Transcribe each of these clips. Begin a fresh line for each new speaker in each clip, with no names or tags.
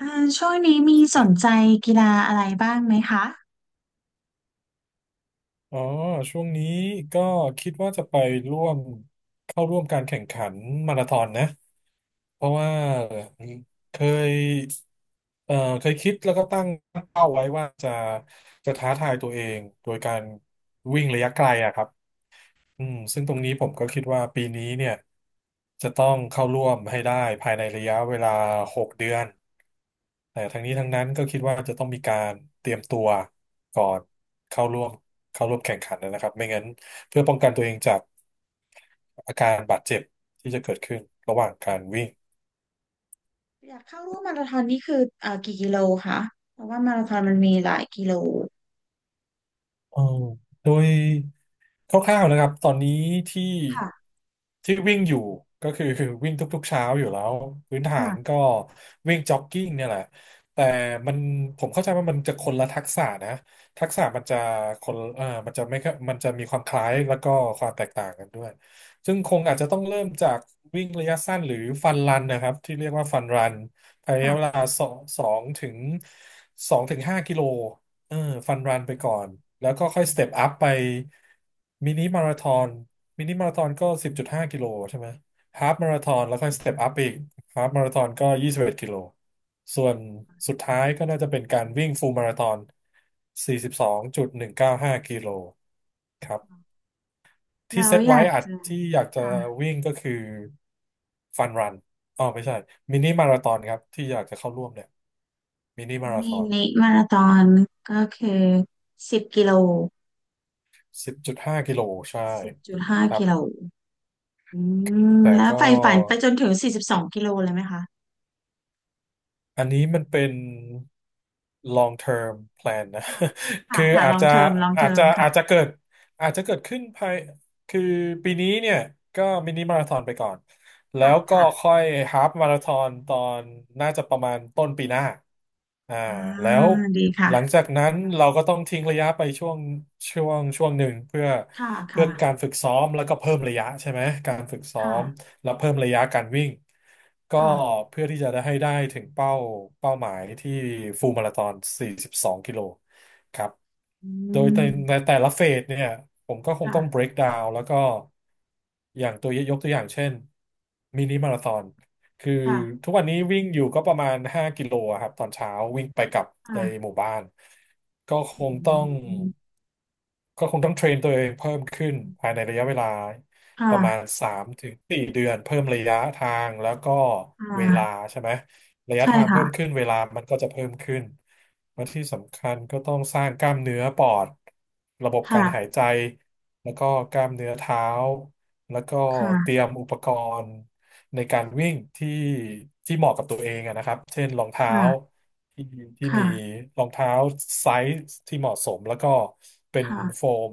อ่าช่วงนี้มีส
ติ
น
ด
ใจกีฬาอะไรบ้างไหมคะ
อ๋อช่วงนี้ก็คิดว่าจะไปร่วมเข้าร่วมการแข่งขันมาราธอนนะเพราะว่าเคยเคยคิดแล้วก็ตั้งเป้าไว้ว่าจะท้าทายตัวเองโดยการวิ่งระยะไกลอะครับอืมซึ่งตรงนี้ผมก็คิดว่าปีนี้เนี่ยจะต้องเข้าร่วมให้ได้ภายในระยะเวลาหกเดือน แต่ทั้งนี้ทั้งนั้นก็คิดว่าจะต้องมีการเตรียมตัวก่อนเข้าร่วมแข่งขันนะครับไม่งั้นเพื่อป้องกันตัวเองจากอาการบาดเจ็บที่จะเกิดขึ้นระหว่างการวิ่ง
อยากเข้าร่วมมาราธอนนี่คือกี่กิโลคะเพราะว่ามาราธอนมันมีหลายกิโล
เออโดยคร่าวๆนะครับตอนนี้ที่
ค่ะ
ที่วิ่งอยู่ก็คือ คือวิ่งทุกๆเช้าอยู่แล้วพื้นฐา
ค่ะ
นก็วิ่งจ็อกกิ้งเนี่ยแหละแต่มันผมเข้าใจว่ามันจะคนละทักษะนะทักษะมันจะคนเออมันจะไม่ค่อยมันจะมีความคล้ายแล้วก็ความแตกต่างกันด้วยซึ่งคงอาจจะต้องเริ่มจากวิ่งระยะสั้นหรือฟันรันนะครับที่เรียกว่าฟันรันภายในเวลา
ค่ะ
สองสองถึงสองถึงห้ากิโล เออฟันรันไปก่อนแล้วก็ค่อยสเต็ปอัพไปมินิมาราธอนมินิมาราธอนก็สิบจุดห้ากิโลใช่ไหมฮาล์ฟมาราธอนแล้วค่อยสเต็ปอัพอีกฮาล์ฟมาราธอนก็ยี่สิบเอ็ดกิโลส่วนสุดท้ายก็น่าจะเป็นการวิ่งฟูลมาราธอนสี่สิบสองจุดหนึ่งเก้าห้ากิโลครับ
แล้
ที่เซ
ว
ต
อยา
ไว้
ก
อัด
จะ
ที่อยากจะ
ค่ะ
วิ่งก็คือฟันรันอ๋อไม่ใช่มินิมาราธอนครับที่อยากจะเข้าร่วมเนี่ยมินิมาราธ
มี
อน
นิมาราธอนก็คือ10 กิโล
สิบจุดห้ากิโลใช่
สิบจุดห้า
ครับ
กิโลอืม
แต่
แล้ว
ก็
ใฝ่ฝันไปจนถึง42 กิโลเลยไหมคะ
อันนี้มันเป็น long term plan นะ
ค่ะ ค่ะ
คือ
ค่ะลองเทอมลองเทอมค่ะ
อาจจะเกิดอาจจะเกิดขึ้นภายคือปีนี้เนี่ยก็มินิมาราธอนไปก่อนแล้
ค่ะ
วก็
ค่ะ
ค่อยฮาล์ฟมาราธอนนน่าจะประมาณต้นปีหน้าอ่า
อ่า
แล้ว
ดีค่ะ
หลังจากนั้นเราก็ต้องทิ้งระยะไปช่วงช่วงหนึ่งเพื่อ
ค่ะ
เพื่
ค่ะ
อการฝึกซ้อมแล้วก็เพิ่มระยะใช่ไหมการฝึกซ้อ
ค่ะ
ม แล้วเพิ่มระยะการวิ่งก็
ค่ะ
เพื่อที่จะได้ให้ได้ถึงเป้าเป้าหมายที่ฟูลมาราธอน42 กิโลครับ
อื
โดยใน
ม
แต่ละเฟสเนี่ยผมก็คงต้อง
ค่ะ
break down แล้วก็อย่างตัวยกตัวอย่างเช่นมินิมาราธอนคือ
ค่ะ
ทุกวันนี้วิ่งอยู่ก็ประมาณ5กิโลอะครับตอนเช้าวิ่งไปกลับในห
ค่ะ
มู่บ้านก็คงต้
อื
อง
ม
ก็คงต้องเทรนตัวเองเพิ่มขึ้นภายในระยะเวลาประมาณ
ค่ะ
สามถึงสี่เดือนเพิ่มระยะทางแล้วก็
ค่
เวลา
ะ
ใช่ไหมระยะ
ใช่
ทาง
ค่ะ
เพิ่มขึ้นเวลามันก็จะเพิ่มขึ้นและที่สำคัญก็ต้องสร้างกล้ามเนื้อปอดระบบการหาย
ค่ะ
ใจแล้วก็กล้ามเนื้อเท้าแล้วก็เตรี
ค่ะ
ยมอุปกรณ์ในการวิ่งที่เหมาะกับตัวเองอะนะครับเช่นรองเท้า
ค่ะ
ที่ที่มี
ค่ะ
รองเท้าไซส์ที่เหมาะสมแล้วก็เป็นโฟ
ค่ะ
ม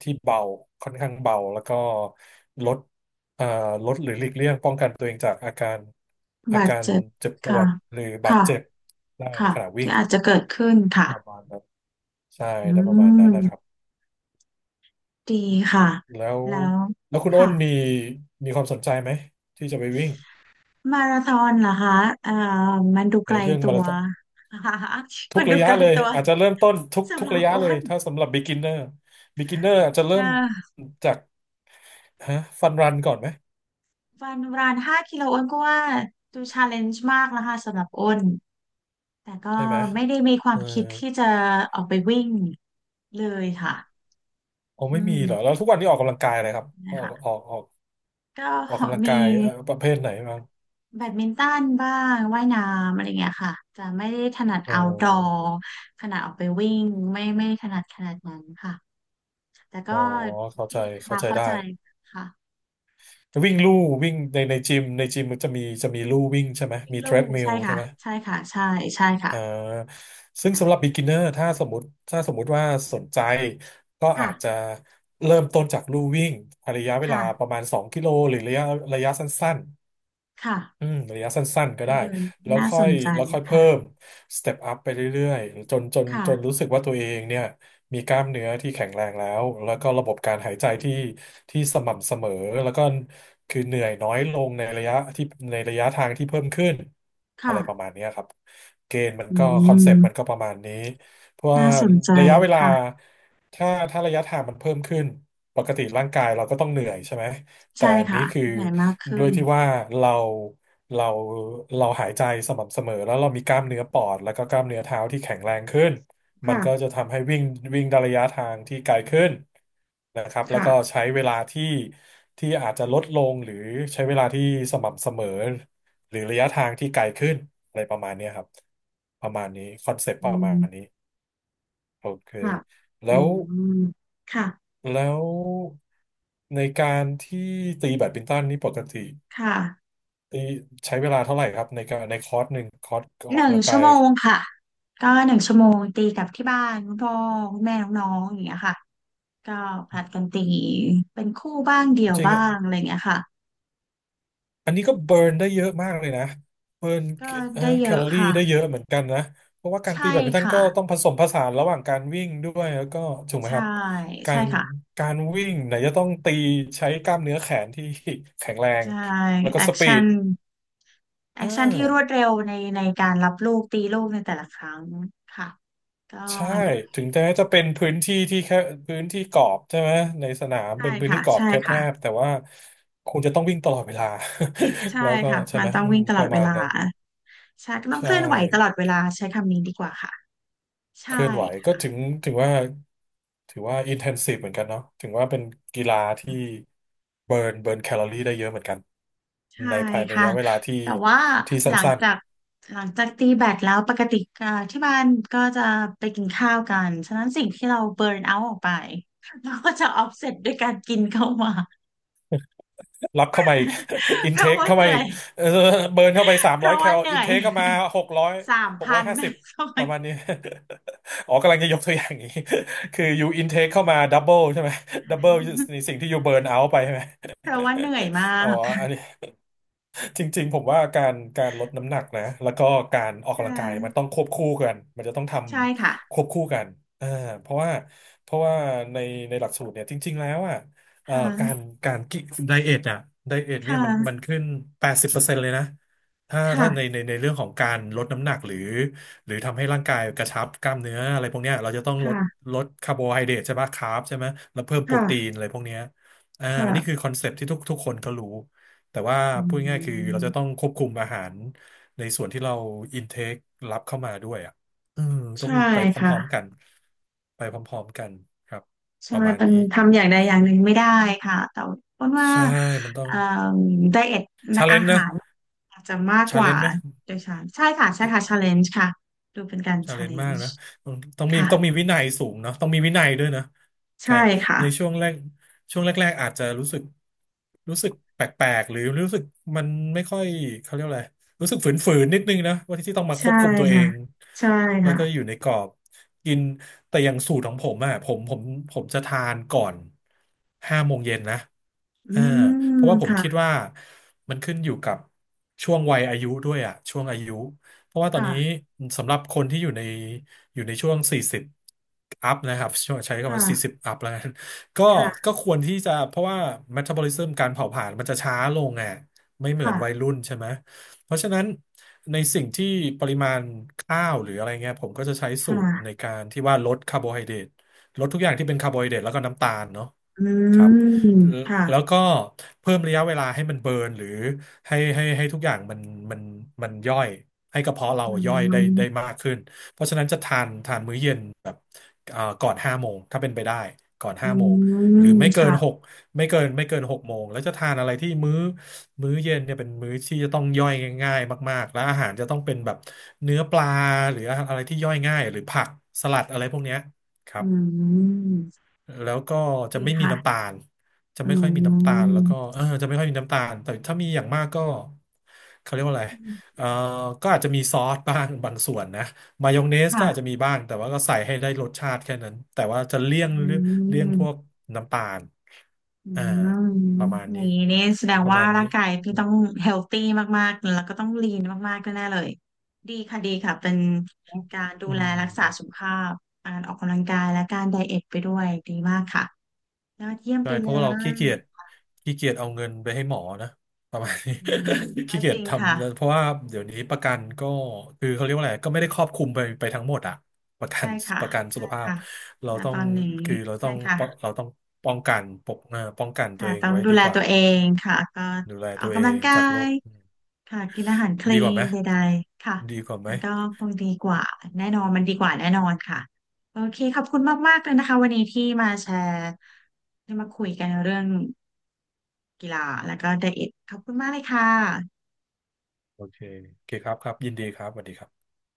ที่เบาค่อนข้างเบาแล้วก็ลดเอ่อลดหรือหลีกเลี่ยงป้องกันตัวเองจากอาการอา
บาด
การ
เจ็บ
เจ็บปว
ค่ะ
ดหรือบาด
ค่ะ
เจ็บได้ใน
ค่ะ
ขณะวิ่
ที่
ง
อาจจะเกิดขึ้นค่ะ
ประมาณนั้นใช่
อื
ได้ประมาณ
ม
นั้นนะครับ
ดีค่ะ
แล้ว
แล้ว
แล้วคุณอ้น
ค่ะ
มีความสนใจไหมที่จะไปวิ่ง
มาราธอนเหรอคะเอ่อมันดู
ใน
ไกล
เรื่อง
ตั
มารา
ว
ธอน ทุ
มั
ก
นดู
ระยะ
ไกล
เลย
ตัว
อาจจะเริ่มต้นทุก
สำ
ทุ
ห
ก
รั
ระ
บ
ยะ
อ้
เลย
น
ถ้าสำหรับ beginner beginner อาจจะเริ่
นะ
มจากฮะฟันรันก่อนไหม
วันรานห้ากิโลอ้นก็ว่าดูชาเลนจ์มากนะคะสำหรับอ้น แต่ก็
ใช่ไหม
ไม่ได้มีควา
เอ
ม
อ
คิดที่จะออกไปวิ่งเลยค่ะ
โอ้
อื
ไม่มี
ม
เหรอแล้วทุกวันนี้ออกกำลังกายอะไรครับอ
นะ
อกอ
คะ
อกออก
ก็
ออกกำลัง
มี
กายประเภทไหนบ้าง
แบดมินตันบ้างว่ายน้ำอะไรเงี้ยค่ะจะไม่ได้ถนัด
เอ
เอาดอ
อ
ขนาดออกไปวิ่งไม่ถนัดขนาดนั้นค่ะแต่ก็
อ๋อเข้า
ดี
ใจ
นะ
เข้า
คะ
ใจ
เข้า
ได้
ใจค่ะ
วิ่งลู่วิ่งในจิมมันจะมีลู่วิ่งใช่ไหม
วิ่ง
มีเทร
ลู่
ดมิล
ใช่
ใช่
ค่ะ
ไหม
ใช่ค่ะใช่ใช่ค่ะ
อ่าซึ่งสำหรับ
อ่ะ
beginner ถ้าสมมติถ้าสมมุติว่าสนใจ ก็
ค่ะ
อาจจะเริ่มต้นจากลู่วิ่งระยะเวลาประ
ค่ะ
มาณ2กิโลหรือระยะสั้น
ค่ะ
อืมระยะสั้นๆก็
ก็
ได้
เดิน
แล้ว
น่า
ค่
ส
อย
นใจ
เพิ่
ค่ะ
มสเต็ปอัพไปเรื่อยๆจน
ค่ะ
รู้สึกว่าตัวเองเนี่ยมีกล้ามเนื้อที่แข็งแรงแล้วก็ระบบการหายใจที่สม่ำเสมอแล้วก็คือเหนื่อยน้อยลงในระยะที่ในระยะทางที่เพิ่มขึ้นอะ
ค่ะ
ไรประมาณเนี้ยครับเกณฑ์มัน
อื
ก็คอน
ม
เซปต์มันก็ประมาณนี้เพราะว่า
น่าสนใจ
ระยะเวลา
ค่ะ
ถ้าระยะทางมันเพิ่มขึ้นปกติร่างกายเราก็ต้องเหนื่อยใช่ไหม แต่
ใช่
อัน
ค่ะ
นี้คือ
ใหญ่มากขึ้
ด้วย
น
ที่ว่าเราเราเราหายใจสม่ำเสมอแล้วเรามีกล้ามเนื้อปอดแล้วก็กล้ามเนื้อเท้าที่แข็งแรงขึ้นมัน
ค่ะ
ก็จะทำให้วิ่งวิ่งได้ระยะทางที่ไกลขึ้นนะครับแล้วก็
ค่ะ
ใช้เวลาที่อาจจะลดลงหรือใช้เวลาที่สม่ำเสมอหรือระยะทางที่ไกลขึ้นอะไรประมาณเนี้ยครับประมาณนี้คอนเซปต์
อื
ประมาณ
ม
นี้โอเค
ค่ะอื
แล้ว
มค่ะ
แล้วในการที่ตีแบดมินตันนี่ปกติ
ค่ะ
นี่ใช้เวลาเท่าไหร่ครับในการในคอร์สหนึ่งคอร์สอ
ห
อก
นึ่ง
กำลัง
ชั่
กา
ว
ย
โมงค่ะก็หนึ่งชั่วโมงตีกับที่บ้านคุณพ่อคุณแม่น้องๆอย่างเงี้ยค่ะก็ผลัดกันตีเป็นคู่บ้างเดี่ยว
จริง
บ้า
อะ
งอะไรอย่างเงี้ยค่ะ
อันนี้ก็เบิร์นได้เยอะมากเลยนะเบิร์น
ก็ได้เย
แค
อะ
ลอรี่
ค่ะ
ได้เยอะเหมือนกันนะเพราะว่าการตี
ใช่
แบดมินตัน
ค่ะ
ก็ต้องผสมผสานระหว่างการวิ่งด้วยแล้วก็ถูกไหม
ใช่
ครับกา
ใช่
ร
ค่ะ
การวิ่งไหนจะต้องตีใช้กล้ามเนื้อแขนที่แข็งแรง
ใช่
แล้วก็
แอ
ส
ค
ปี
ชั่
ด
นแอ
เออ
คชั่นที่รวดเร็วในในการรับลูกตีลูกในแต่ละครั้งค่ะก็
ใช่
เหนื่อ
ถึง
ย
แม้จะเป็นพื้นที่ที่แค่พื้นที่กรอบใช่ไหมในสนาม
ใช่
เป็นพื้น
ค่ะ
ที่กรอบ
ใช่
แค
ค่ะ
บๆแต่ว่าคุณจะต้องวิ่งตลอดเวลา แล้
ใช่
วก็
ค่ะ
ใช่
มั
ไห
น
ม
ต้อง
อืม
วิ่งต
ป
ลอด
ระ
เว
มาณ
ลา
นั้น
ใช่ก็ต้อ
ใช
งเคลื่อนไหวตลอ
่
ดเวลาใช้คำนี้ดีกว่าค่ะ
เค
ใช่
ลื่อนไหวก็ถึงว่าถือว่าอินเทนซีฟเหมือนกันเนาะถึงว่าเป็นกีฬาที่เบิร์นแคลอรี่ได้เยอะเหมือนกัน
ใช่
ในภายในระ
ค่ะ
ยะเวลาที่
แต่ว่า
ที่
หลัง
สั้น
จากหลังจากตีแบดแล้วปกติอ่าที่บ้านก็จะไปกินข้าวกันฉะนั้นสิ่งที่เราเบิร์นเอาท์ออกไปเราก็จะออฟเซตด้วยการกินเข้ามา
รับเข้ามาอีก อิ
เพ
นเท
ราะ
ค
ว่า
เข้า
เห
มา
นื่อ
อีก
ย
เออเบิร์นเข้าไปสาม
เพ
ร้อย
ราะ
แค
ว่า
ล
เห
อิ
นื่
น
อ
เท
ย
คเข้ามาหกร้อย
สาม
หก
พั
ร้อย
น
ห้าสิบ
ทำไม
ประมาณนี้ อ๋อกำลังจะยกตัวอย่างอย่างนี้ คืออยู่อินเทคเข้ามาดับเบิลใช่ไหม ดับเบิลในสิ่งที่อยู่เบิร์นเอาไปใช่ไหม
เพราะว่าเหนื่อยมา
อ๋อ
ก
อันนี้ จริงๆผมว่าการลดน้ำหนักนะแล้วก็การออก
ค่
กำลังกายมัน
ะ
ต้องควบคู่กันมันจะต้องท
ใช่ค่ะ
ำควบคู่กันอ่าเพราะว่าเพราะว่าในหลักสูตรเนี่ยจริงๆแล้วอ่ะ
ค่ะ
การการกิไดเอทอ่ะไดเอท
ค
เนี่ยมัน
่ะ
ขึ้น80%เปอร์เซ็นต์เลยนะถ้า
ค่ะ
ในเรื่องของการลดน้ำหนักหรือหรือทำให้ร่างกายกระชับกล้ามเนื้ออะไรพวกเนี้ยเราจะต้องลด
ค่ะ
ลดคาร์โบไฮเดรตใช่ไหมคาร์บใช่ไหมแล้วเพิ่มโป
ค
รตีนอะไรพวกเนี้ยอ่านี่
่ะ
คือคอนเซปต์ที่ทุกคนก็รู้ แต่ว่า
อื
พูดง่ายๆคือเราจะต้อง
ม
ควบคุมอาหารในส่วนที่เราอินเทครับเข้ามาด้วยอ่ะอืมต้อ
ใช่
งไปพ
ค่ะ
ร้อมๆกันไปพร้อมๆกันครับป
ใช่
ระมาณ
มัน
นี้
ทำอย่างใดอย่างหนึ่งไม่ได้ค่ะแต่เพราะว่า
ใช่มันต้อง
เอ่อไดเอท
ชาเล
อา
นจ์
หา
นะ
รอาจจะมากก
ชาเล
ว่า
นจ์ไหม
โดยฉันใช่ค่ะใช่ค่ะชาเลนจ์ค่ะดูเป็นการ
ชา
ชา
เล
เล
นจ์
น
มาก
จ์
นะต้องมี
ค่ะ
วินัยสูงเนาะต้องมีวินัยด้วยนะใช่
ใช่ค่ะ
ในช่วงแรกช่วงแรกๆอาจจะรู้สึกรู้สึกแปลกๆ หรือรู้สึกมันไม่ค่อยเขาเรียกอะไรรู้สึกฝืนๆนิดนึงนะว่าที่ต้องมาค
ใช่
วบคุมตัวเอ
ค่ะ
ง
ใช่
แล้ว
ค่ะ
ก็อยู่ในกรอบ กิน แต่อย่างสูตรของผมอะผมจะทานก่อนห้าโมงเย็นนะ
อื
อ่าเพ
ม
ราะว่าผมคิด
ค่ะ
ว่ามันขึ้นอยู่กับช่วงวัยอายุด้วยอะช่วงอายุ เพราะว่าตอนนี้
ค่ะ
สำหรับคนที่อยู่ในช่วง 40 อัพนะครับช่วงใช้คำว่า
ค่ะ
40 อัพแล้วกัน ก็
ค่ะ
ก็ควรที่จะเพราะว่า metabolism การเผาผลาญมันจะช้าลงอ่ะไม่เหมือนวัย
ค่ะ
รุ่นใช่ไหมเพราะฉะนั้นในสิ่งที่ปริมาณข้าวหรืออะไรเงี้ยผมก็จะใช้
ค
สูตรใน
่ะ
การที่ว่าลดคาร์โบไฮเดรตลดทุกอย่างที่เป็นคาร์โบไฮเดรตแล้วก็น้ำตาลเนาะ
อื
ครับ
มค่ะ
แล้วก็เพิ่มระยะเวลาให้มันเบิร์นหรือ ให้ทุกอย่างมันมันย่อยให้กระเพาะเรา
อื
ย่อยได้ได้
ม
มากขึ้นเพราะฉะนั้นจะทานมื้อเย็นแบบก่อนห้าโมงถ้าเป็นไปได้ก่อน
อื
ห้าโมงหรือ
ม
ไม่เกินห
ค่ะ
กไม่เกินหกโมงแล้วจะทานอะไรที่มื้อเย็นเนี่ยเป็นมื้อที่จะต้องย่อยง่ายๆมากๆและอาหารจะต้องเป็นแบบเนื้อปลาหรืออะไรที่ย่อยง่ายหรือผักสลัดอะไรพวกเนี้ยครับ
อืม
แล้วก็จะ
ดี
ไม่มี
ค่ะ
น้ำตาลจะ
อื
ไม่ค่อยมีน้ำตาล
ม
แล้วก็เออจะไม่ค่อยมีน้ำตาล แต่ถ้ามีอย่างมากก็เขาเรียกว่าอะไรเออก็อาจจะมีซอสบ้าง บางส่วนนะมายองเนสก็อาจจะ
ค่ะ
มีบ้าง แต่ว่าก็ใส่ให้ได้รสชาติแค่นั้น แต่ว่าจะเลี่ย
อื
งเลี่ยงพวก
ม
น้ำตาล
อื
อ่า
ม
ประมาณ
อย่า
นี้
งนี้นี่แสดง
ประ
ว่า
มาณนี้
ร่างกายพี่ต้องเฮลตี้มากๆแล้วก็ต้องลีนมากๆแน่ๆเลยดีค่ะดีค่ะเป็นการดู
อื
แล
ม
รักษาสุขภาพการออกกำลังกายและการไดเอทไปด้วยดีมากค่ะยอดเยี่ยม
ใช่
ไป
เพ
เล
ราะว่าเราขี้
ย
เกียจขี้เกียจเอาเงินไปให้หมอนะประมาณนี้
อืม ก็
ขี้เกี
จ
ยจ
ริง
ท
ค่ะ
ำเพราะว่าเดี๋ยวนี้ประกันก็คือเขาเรียกว่าอะไรก็ไม่ได้ครอบคลุมไปทั้งหมดอะประกั
ใช่
น
ค่ะ
ประกันสุ
ใช่
ขภาพ
ค่ะ
เรา
ณ
ต้อ
ต
ง
อนนี้
คือเรา
ใช่
ต้องป้อง
ค่ะ
เราต้องป้องกันปกเอ่อป้องกันตั
ค่ะ
วเอง
ต้อง
ไว้
ดู
ดี
แล
กว่า
ตัวเองค่ะก็
ดูแล
ออ
ตั
ก
วเอ
กำลัง
ง
กา
จากโร
ย
คอืม
ค่ะกินอาหารคลี
ดีกว่าไห
น
ม
ใดๆค่ะ
ดีกว่าไหม
มันก็คงดีกว่าแน่นอนมันดีกว่าแน่นอนค่ะโอเคขอบคุณมากๆเลยนะคะวันนี้ที่มาแชร์ได้มาคุยกันเรื่องกีฬาแล้วก็ไดเอทขอบคุณมากเลยค่ะ
โอเคโอเคครับครับยินดีครับสวัสดีครับ